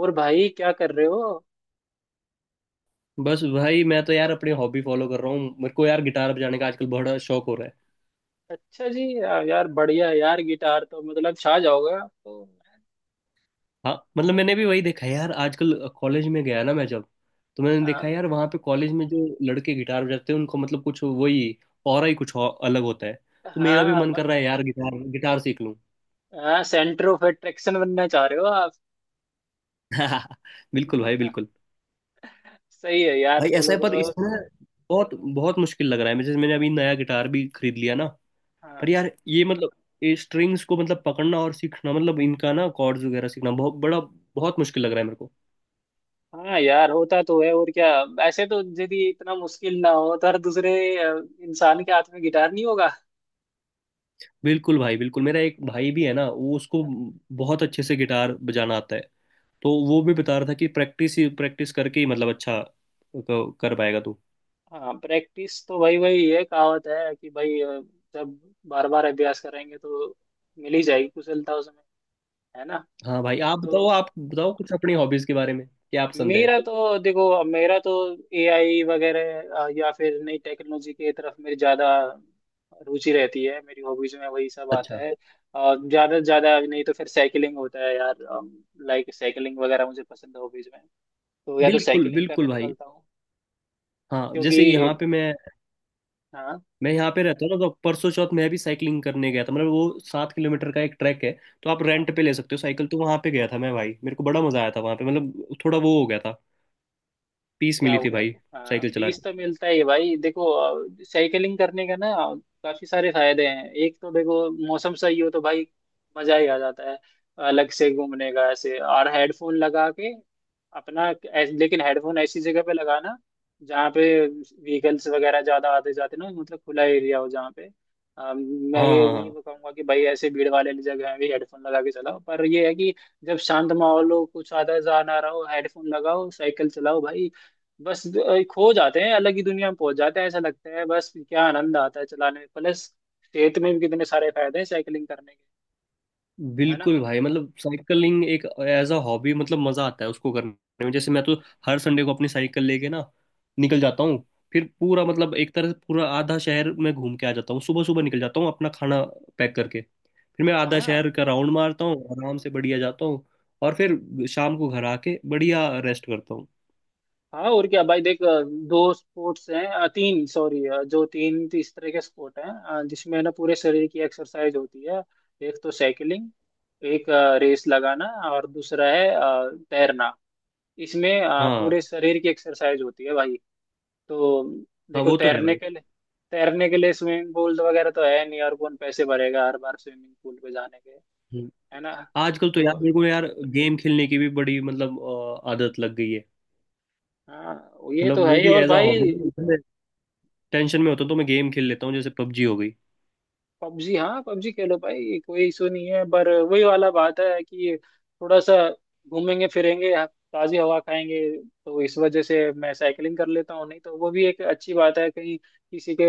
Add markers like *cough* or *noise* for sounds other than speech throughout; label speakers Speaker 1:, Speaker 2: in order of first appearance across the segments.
Speaker 1: और भाई क्या कर रहे हो?
Speaker 2: बस भाई मैं तो यार अपनी हॉबी फॉलो कर रहा हूँ। मेरे को यार गिटार बजाने का आजकल बड़ा शौक हो रहा है।
Speaker 1: अच्छा जी, यार बढ़िया यार, गिटार तो मतलब छा जाओगे आप तो।
Speaker 2: हाँ, मतलब मैंने भी वही देखा है यार। आजकल कॉलेज में गया ना मैं जब, तो मैंने देखा
Speaker 1: हाँ,
Speaker 2: यार वहाँ पे कॉलेज में जो लड़के गिटार बजाते हैं उनको मतलब कुछ वही और ही कुछ और अलग होता है। तो मेरा भी
Speaker 1: हाँ।
Speaker 2: मन कर रहा है यार, गिटार गिटार सीख लूँ।
Speaker 1: हाँ, सेंटर ऑफ अट्रैक्शन बनना चाह रहे हो आप?
Speaker 2: *laughs* बिल्कुल भाई, बिल्कुल।
Speaker 1: सही है यार,
Speaker 2: भाई ऐसा
Speaker 1: फॉलो
Speaker 2: है, पर
Speaker 1: करो।
Speaker 2: इसमें बहुत बहुत मुश्किल लग रहा है। जैसे मैंने अभी नया गिटार भी खरीद लिया ना, पर
Speaker 1: हाँ,
Speaker 2: यार ये मतलब ये स्ट्रिंग्स को मतलब पकड़ना और सीखना, मतलब इनका ना कॉर्ड्स वगैरह सीखना बहुत बड़ा बहुत मुश्किल लग रहा है मेरे को।
Speaker 1: हाँ यार, होता तो है और क्या। ऐसे तो यदि इतना मुश्किल ना हो तो हर दूसरे इंसान के हाथ में गिटार नहीं होगा।
Speaker 2: बिल्कुल भाई, बिल्कुल। मेरा एक भाई भी है ना, वो उसको बहुत अच्छे से गिटार बजाना आता है। तो वो भी बता रहा था कि प्रैक्टिस ही प्रैक्टिस करके ही मतलब अच्छा कर पाएगा तू।
Speaker 1: हाँ, प्रैक्टिस तो भाई भाई, ये कहावत है कि भाई, जब बार बार अभ्यास करेंगे तो मिल ही जाएगी कुशलता उसमें। है ना?
Speaker 2: हाँ भाई,
Speaker 1: तो
Speaker 2: आप बताओ कुछ अपनी हॉबीज के बारे में, क्या आप पसंद है।
Speaker 1: मेरा तो देखो, अब मेरा तो एआई वगैरह, या फिर नई टेक्नोलॉजी की तरफ मेरी ज़्यादा रुचि रहती है। मेरी हॉबीज में वही सब आता
Speaker 2: अच्छा।
Speaker 1: है। और ज़्यादा से ज़्यादा नहीं तो फिर साइकिलिंग होता है यार। लाइक साइकिलिंग वगैरह मुझे पसंद है हॉबीज में। तो या तो
Speaker 2: बिल्कुल
Speaker 1: साइकिलिंग
Speaker 2: बिल्कुल
Speaker 1: करने
Speaker 2: भाई।
Speaker 1: निकलता हूँ
Speaker 2: हाँ, जैसे
Speaker 1: क्योंकि,
Speaker 2: यहाँ पे
Speaker 1: हाँ।
Speaker 2: मैं यहाँ पे रहता हूँ ना, तो परसों चौथ मैं भी साइकिलिंग करने गया था। मतलब वो 7 किलोमीटर का एक ट्रैक है, तो आप
Speaker 1: हाँ,
Speaker 2: रेंट पे ले सकते हो साइकिल। तो वहाँ पे गया था मैं भाई, मेरे को बड़ा मजा आया था वहाँ पे। मतलब थोड़ा वो हो गया था, पीस
Speaker 1: क्या
Speaker 2: मिली
Speaker 1: हो
Speaker 2: थी
Speaker 1: गया
Speaker 2: भाई,
Speaker 1: था? हाँ,
Speaker 2: साइकिल चला
Speaker 1: पीस
Speaker 2: के।
Speaker 1: तो मिलता ही है भाई, देखो। साइकिलिंग करने का ना, काफी सारे फायदे हैं। एक तो देखो, मौसम सही हो तो भाई मजा ही आ जाता है। अलग से घूमने का ऐसे, और हेडफोन लगा के अपना। लेकिन हेडफोन ऐसी जगह पे लगाना जहाँ पे व्हीकल्स वगैरह ज्यादा आते जाते ना, मतलब खुला एरिया हो, जहाँ पे। मैं
Speaker 2: हाँ,
Speaker 1: ये
Speaker 2: हाँ,
Speaker 1: नहीं
Speaker 2: हाँ।
Speaker 1: कहूंगा कि भाई ऐसे भीड़ वाले जगह में भी हेडफोन लगा के चलाओ, पर ये है कि जब शांत माहौल हो, कुछ आधा जान आ रहा हो, हेडफोन लगाओ, साइकिल चलाओ भाई। बस खो जाते हैं अलग ही दुनिया में, पहुंच जाते हैं, ऐसा लगता है बस। क्या आनंद आता है चलाने में। प्लस सेहत में भी कितने सारे फायदे हैं साइकिलिंग करने के। है ना?
Speaker 2: बिल्कुल भाई, मतलब साइकिलिंग एक एज अ हॉबी, मतलब मजा आता है उसको करने में। जैसे मैं तो हर संडे को अपनी साइकिल लेके ना निकल जाता हूँ। फिर पूरा मतलब एक तरह से पूरा आधा शहर में घूम के आ जाता हूँ। सुबह सुबह निकल जाता हूँ, अपना खाना पैक करके फिर मैं आधा
Speaker 1: हाँ,
Speaker 2: शहर का राउंड मारता हूँ, आराम से बढ़िया जाता हूँ। और फिर शाम को घर आके बढ़िया रेस्ट करता हूँ।
Speaker 1: हाँ। और क्या भाई, देख, दो स्पोर्ट्स हैं, तीन सॉरी, जो तीन इस तरह के स्पोर्ट हैं जिसमें ना पूरे शरीर की एक्सरसाइज होती है। एक तो साइकिलिंग, एक रेस लगाना, और दूसरा है तैरना। इसमें
Speaker 2: हाँ,
Speaker 1: पूरे शरीर की एक्सरसाइज होती है भाई। तो
Speaker 2: हाँ।
Speaker 1: देखो,
Speaker 2: वो तो है
Speaker 1: तैरने
Speaker 2: भाई।
Speaker 1: के लिए तैरने के लिए स्विमिंग पूल तो वगैरह तो है नहीं, और कौन पैसे भरेगा हर बार स्विमिंग पूल पे जाने के।
Speaker 2: हम्म।
Speaker 1: है ना?
Speaker 2: आजकल तो यार
Speaker 1: तो
Speaker 2: मेरे को यार गेम खेलने की भी बड़ी मतलब आदत लग गई है।
Speaker 1: हाँ, ये तो
Speaker 2: मतलब
Speaker 1: है
Speaker 2: वो
Speaker 1: ही।
Speaker 2: भी
Speaker 1: और
Speaker 2: एज अ
Speaker 1: भाई,
Speaker 2: हॉबी, टेंशन में होता हूँ तो मैं गेम खेल लेता हूँ, जैसे पबजी हो गई।
Speaker 1: पबजी, हाँ। पबजी खेलो भाई, कोई इशू नहीं है, पर वही वाला बात है कि थोड़ा सा घूमेंगे फिरेंगे, ताजी हवा खाएंगे, तो इस वजह से मैं साइकिलिंग कर लेता हूँ। नहीं तो वो भी एक अच्छी बात है, कहीं किसी के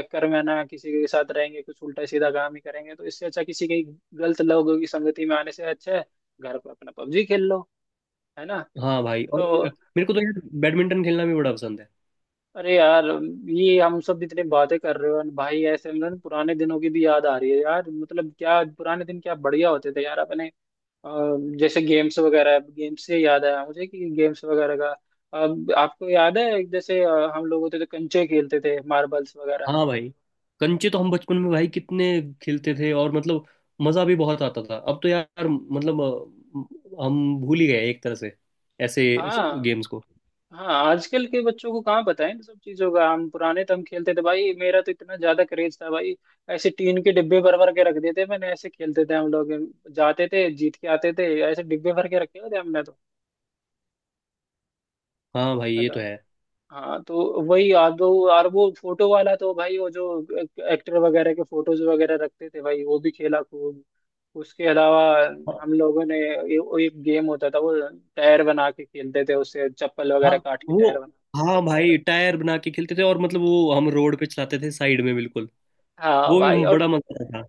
Speaker 1: चक्कर में ना, किसी के साथ रहेंगे कुछ उल्टा सीधा काम ही करेंगे, तो इससे अच्छा किसी के, गलत लोगों की संगति में आने से अच्छा है घर पर अपना पबजी खेल लो। है ना?
Speaker 2: हाँ भाई, और
Speaker 1: तो
Speaker 2: मेरे को तो यार बैडमिंटन खेलना भी बड़ा पसंद है।
Speaker 1: अरे यार, ये हम सब इतने बातें कर रहे हो, और भाई ऐसे में ना पुराने दिनों की भी याद आ रही है यार। मतलब क्या पुराने दिन, क्या बढ़िया होते थे यार अपने। अ, जैसे गेम्स वगैरह, गेम्स से याद आया मुझे कि गेम्स वगैरह का। अब आपको याद है जैसे, हम लोग होते थे कंचे खेलते थे, मार्बल्स वगैरह।
Speaker 2: हाँ भाई, कंचे तो हम बचपन में भाई कितने खेलते थे, और मतलब मजा भी बहुत आता था। अब तो यार मतलब हम भूल ही गए एक तरह से ऐसे
Speaker 1: हाँ,
Speaker 2: गेम्स को।
Speaker 1: हाँ। आजकल के बच्चों को कहाँ पता है इन सब चीजों का, हम पुराने तो हम खेलते थे भाई। मेरा तो इतना ज्यादा क्रेज था भाई, ऐसे टीन के डिब्बे भर भर के रख देते। मैंने ऐसे खेलते थे हम लोग, जाते थे जीत के आते थे, ऐसे डिब्बे भर के रखे होते हमने तो।
Speaker 2: हाँ भाई, ये
Speaker 1: हेलो,
Speaker 2: तो है।
Speaker 1: हाँ। तो वही आप दो, और वो फोटो वाला तो भाई, वो जो एक्टर वगैरह के फोटोज वगैरह रखते थे भाई, वो भी खेला खूब। उसके अलावा
Speaker 2: हाँ,
Speaker 1: हम लोगों ने, वो एक गेम होता था, वो टायर बना के खेलते थे, उससे चप्पल
Speaker 2: हाँ,
Speaker 1: वगैरह काट के
Speaker 2: वो
Speaker 1: टायर बना।
Speaker 2: हाँ भाई, टायर बना के खेलते थे, और मतलब वो हम रोड पे चलाते थे साइड में, बिल्कुल।
Speaker 1: हाँ
Speaker 2: वो भी
Speaker 1: भाई, और
Speaker 2: बड़ा मजा आता था।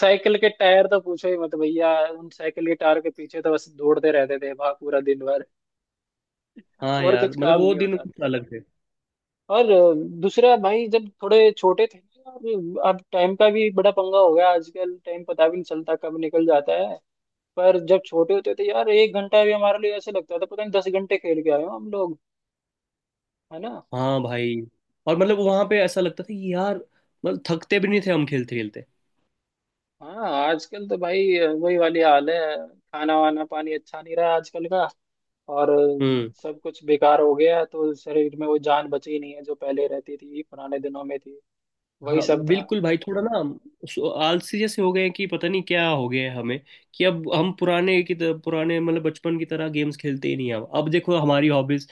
Speaker 1: साइकिल के टायर तो पूछो ही मत भैया, उन साइकिल के टायर के पीछे तो बस दौड़ते रहते थे वहां पूरा दिन भर,
Speaker 2: हाँ
Speaker 1: और
Speaker 2: यार,
Speaker 1: कुछ
Speaker 2: मतलब
Speaker 1: काम
Speaker 2: वो
Speaker 1: नहीं
Speaker 2: दिन
Speaker 1: होता
Speaker 2: कुछ अलग थे।
Speaker 1: था। और दूसरा भाई, जब थोड़े छोटे थे ना, अब टाइम का भी बड़ा पंगा हो गया आजकल, टाइम पता भी नहीं चलता कब निकल जाता है। पर जब छोटे होते थे यार, एक घंटा भी हमारे लिए ऐसे लगता था, पता नहीं 10 घंटे खेल के आए हो हम लोग। है ना?
Speaker 2: हाँ भाई, और मतलब वहां पे ऐसा लगता था कि यार, मतलब थकते भी नहीं थे हम खेलते खेलते।
Speaker 1: हाँ, आजकल तो भाई वही वाली हाल है, खाना वाना पानी अच्छा नहीं रहा आजकल का, और
Speaker 2: हम्म।
Speaker 1: सब कुछ बेकार हो गया। तो शरीर में वो जान बची नहीं है जो पहले रहती थी पुराने दिनों में थी, वही
Speaker 2: हाँ
Speaker 1: सब था।
Speaker 2: बिल्कुल भाई, थोड़ा ना आलसी जैसे हो गए हैं, कि पता नहीं क्या हो गया है हमें। कि अब हम पुराने की तरह, पुराने मतलब बचपन की तरह गेम्स खेलते ही नहीं हैं। अब देखो हमारी हॉबीज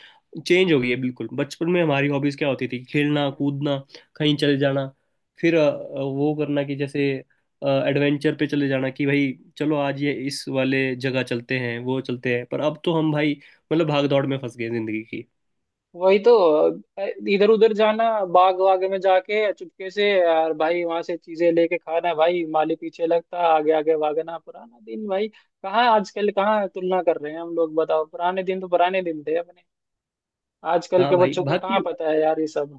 Speaker 2: चेंज हो गई है बिल्कुल। बचपन में हमारी हॉबीज क्या होती थी, खेलना
Speaker 1: हम्म।
Speaker 2: कूदना, कहीं चले जाना, फिर वो करना, कि जैसे एडवेंचर पे चले जाना, कि भाई चलो आज ये इस वाले जगह चलते हैं, वो चलते हैं। पर अब तो हम भाई मतलब भाग दौड़ में फंस गए जिंदगी की।
Speaker 1: वही तो, इधर उधर जाना, बाग वाग में जाके चुपके से यार भाई, वहां से चीजें लेके खाना भाई, माली पीछे लगता, आगे आगे भागना, पुराना दिन भाई। कहाँ आजकल, कहाँ तुलना कर रहे हैं हम लोग, बताओ। पुराने दिन तो पुराने दिन थे अपने। आजकल
Speaker 2: हाँ
Speaker 1: के
Speaker 2: भाई,
Speaker 1: बच्चों को
Speaker 2: बाकी
Speaker 1: कहाँ पता है यार ये सब।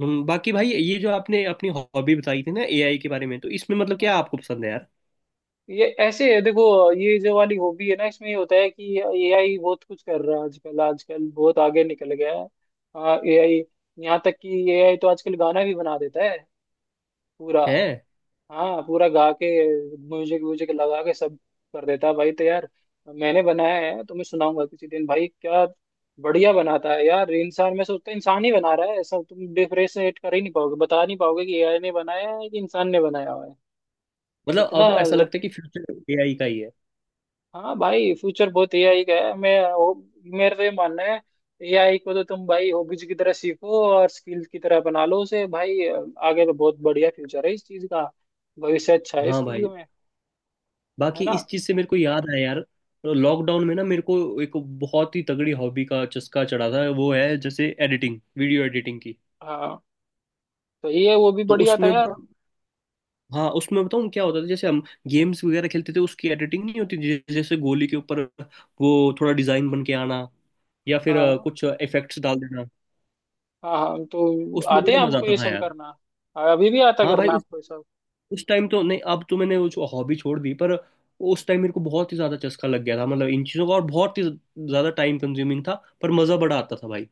Speaker 2: बाकी भाई, ये जो आपने अपनी हॉबी बताई थी ना एआई के बारे में, तो इसमें मतलब
Speaker 1: हाँ।
Speaker 2: क्या आपको पसंद है यार।
Speaker 1: ये ऐसे है देखो, ये जो वाली हॉबी है ना, इसमें ये होता है कि एआई बहुत कुछ कर रहा है आजकल। आजकल बहुत आगे निकल गया है। हाँ, एआई। यहाँ तक कि एआई तो आजकल गाना भी बना देता है पूरा।
Speaker 2: है।
Speaker 1: हाँ, पूरा गा के म्यूजिक व्यूजिक लगा के सब कर देता है भाई। तो यार, मैंने बनाया है, तुम्हें सुनाऊंगा किसी दिन भाई। क्या बढ़िया बनाता है यार, इंसान मैं सोचता हूँ इंसान ही बना रहा है ऐसा। तुम डिफरेंशिएट कर ही नहीं पाओगे, बता नहीं पाओगे कि एआई ने बनाया है कि इंसान ने बनाया हुआ है,
Speaker 2: मतलब
Speaker 1: इतना।
Speaker 2: अब ऐसा लगता है कि फ्यूचर एआई का ही है।
Speaker 1: हाँ भाई, फ्यूचर बहुत एआई का है, मैं वो, मेरा तो ये मानना है। एआई को तो तुम भाई हॉबीज की तरह सीखो और स्किल की तरह बना लो उसे भाई, आगे तो बहुत बढ़िया फ्यूचर है इस चीज का, भविष्य अच्छा है इस
Speaker 2: हाँ
Speaker 1: चीज
Speaker 2: भाई,
Speaker 1: में। है
Speaker 2: बाकी
Speaker 1: ना?
Speaker 2: इस चीज से मेरे को याद आया यार, लॉकडाउन में ना मेरे को एक बहुत ही तगड़ी हॉबी का चस्का चढ़ा था। वो है जैसे एडिटिंग, वीडियो एडिटिंग की।
Speaker 1: हाँ, तो ये वो भी
Speaker 2: तो
Speaker 1: बढ़िया था
Speaker 2: उसमें
Speaker 1: यार।
Speaker 2: बताऊँ। हाँ, उसमें बताऊँ क्या होता था, जैसे हम गेम्स वगैरह खेलते थे उसकी एडिटिंग नहीं होती, जैसे गोली के ऊपर वो थोड़ा डिजाइन बन के आना, या फिर
Speaker 1: हाँ,
Speaker 2: कुछ इफेक्ट्स डाल देना।
Speaker 1: हाँ, हाँ, तो
Speaker 2: उसमें
Speaker 1: आते हैं
Speaker 2: बड़ा मजा
Speaker 1: आपको
Speaker 2: आता
Speaker 1: ये
Speaker 2: था
Speaker 1: सब
Speaker 2: यार।
Speaker 1: करना? अभी भी आता
Speaker 2: हाँ भाई,
Speaker 1: करना
Speaker 2: उस
Speaker 1: आपको ये सब?
Speaker 2: उस टाइम तो नहीं, अब तो मैंने वो हॉबी छोड़ दी। पर उस टाइम मेरे को बहुत ही ज्यादा चस्का लग गया था, मतलब इन चीजों का, और बहुत ही ज्यादा टाइम कंज्यूमिंग था। पर मजा बड़ा आता था भाई।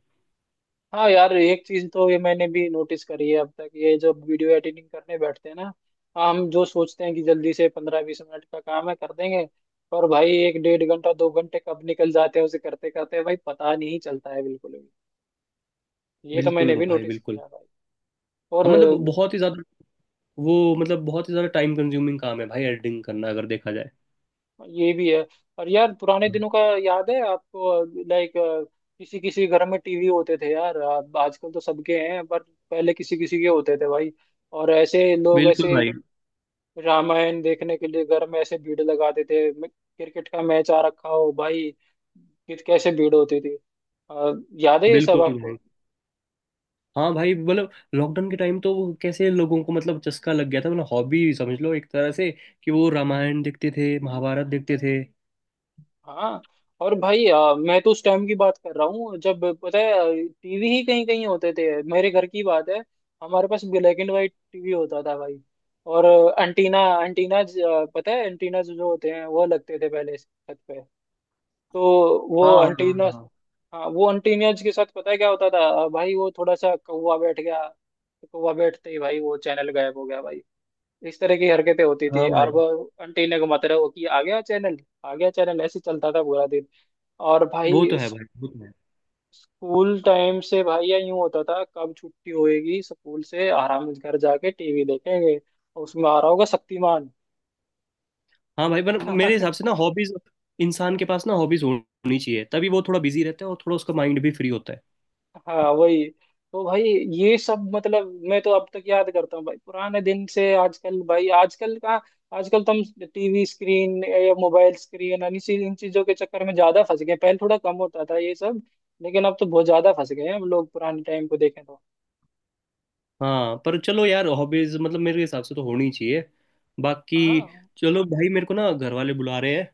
Speaker 1: हाँ यार, एक चीज तो ये मैंने भी नोटिस करी है अब तक, ये जब वीडियो एडिटिंग करने बैठते हैं ना हम, जो सोचते हैं कि जल्दी से 15-20 मिनट का काम है कर देंगे, पर भाई एक डेढ़ घंटा 2 घंटे कब निकल जाते हैं उसे करते करते भाई पता नहीं चलता है बिल्कुल भी। ये तो
Speaker 2: बिल्कुल
Speaker 1: मैंने भी
Speaker 2: भाई,
Speaker 1: नोटिस
Speaker 2: बिल्कुल।
Speaker 1: किया भाई। और
Speaker 2: हाँ मतलब बहुत ही ज्यादा वो, मतलब बहुत ही ज्यादा टाइम कंज्यूमिंग काम है भाई एडिटिंग करना, अगर देखा जाए।
Speaker 1: ये भी है। और यार पुराने दिनों का याद है आपको? लाइक, किसी किसी घर में टीवी होते थे यार, अब आजकल तो सबके हैं, पर पहले किसी किसी के होते थे भाई। और ऐसे लोग
Speaker 2: बिल्कुल
Speaker 1: ऐसे
Speaker 2: भाई,
Speaker 1: रामायण देखने के लिए घर में ऐसे भीड़ लगाते थे, क्रिकेट का मैच आ रखा हो भाई, कैसे भीड़ होती थी। अ, याद है ये सब
Speaker 2: बिल्कुल। भाई
Speaker 1: आपको?
Speaker 2: हाँ भाई, मतलब लॉकडाउन के टाइम तो वो कैसे लोगों को मतलब चस्का लग गया था, मतलब हॉबी समझ लो एक तरह से, कि वो रामायण देखते थे, महाभारत देखते थे।
Speaker 1: हाँ, और भाई मैं तो उस टाइम की बात कर रहा हूँ जब, पता है, टीवी ही कहीं कहीं होते थे। मेरे घर की बात है, हमारे पास ब्लैक एंड वाइट टीवी होता था भाई। और एंटीना एंटीना, पता है एंटीना जो जो होते हैं वो लगते थे पहले छत पे। तो
Speaker 2: हाँ,
Speaker 1: वो
Speaker 2: हाँ,
Speaker 1: एंटीना।
Speaker 2: हाँ, हाँ।
Speaker 1: हाँ, वो अंटीनियज के साथ पता है क्या होता था भाई, वो थोड़ा सा कौवा बैठ गया तो कौवा बैठते ही भाई वो चैनल गायब हो गया भाई। इस तरह की हरकतें होती थी,
Speaker 2: हाँ भाई,
Speaker 1: और वो अंटीने को मत रहो कि आ गया चैनल, आ गया चैनल, ऐसे चलता था पूरा दिन। और
Speaker 2: वो
Speaker 1: भाई
Speaker 2: तो है भाई, वो तो है।
Speaker 1: स्कूल टाइम से भाई या यूं होता था कब छुट्टी होएगी, स्कूल से आराम से घर जाके टीवी देखेंगे और उसमें आ रहा होगा शक्तिमान।
Speaker 2: हाँ भाई, पर मेरे हिसाब से ना
Speaker 1: *laughs*
Speaker 2: हॉबीज इंसान के पास ना हॉबीज होनी चाहिए, तभी वो थोड़ा बिजी रहता है और थोड़ा उसका माइंड भी फ्री होता है।
Speaker 1: हाँ वही तो भाई, ये सब मतलब मैं तो अब तक याद करता हूँ भाई, पुराने दिन से आजकल भाई, आजकल का। आजकल तो हम टीवी स्क्रीन या मोबाइल स्क्रीन इन चीजों के चक्कर में ज्यादा फंस गए, पहले थोड़ा कम होता था ये सब, लेकिन अब तो बहुत ज्यादा फंस गए हैं हम लोग पुराने टाइम को देखें तो।
Speaker 2: हाँ, पर चलो यार, हॉबीज मतलब मेरे हिसाब से तो होनी चाहिए। बाकी
Speaker 1: हाँ,
Speaker 2: चलो भाई, मेरे को ना घर वाले बुला रहे हैं।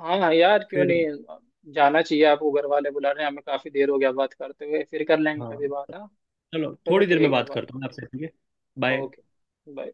Speaker 1: हाँ हाँ यार, क्यों
Speaker 2: फिर
Speaker 1: नहीं, जाना चाहिए आपको, घर वाले बुला रहे हैं, हमें काफी देर हो गया बात करते हुए। फिर कर लेंगे
Speaker 2: हाँ,
Speaker 1: कभी बात। हाँ,
Speaker 2: चलो
Speaker 1: चलो
Speaker 2: थोड़ी देर में
Speaker 1: ठीक है
Speaker 2: बात
Speaker 1: भाई।
Speaker 2: करता हूँ आपसे, ठीक है। बाय।
Speaker 1: Okay, bye.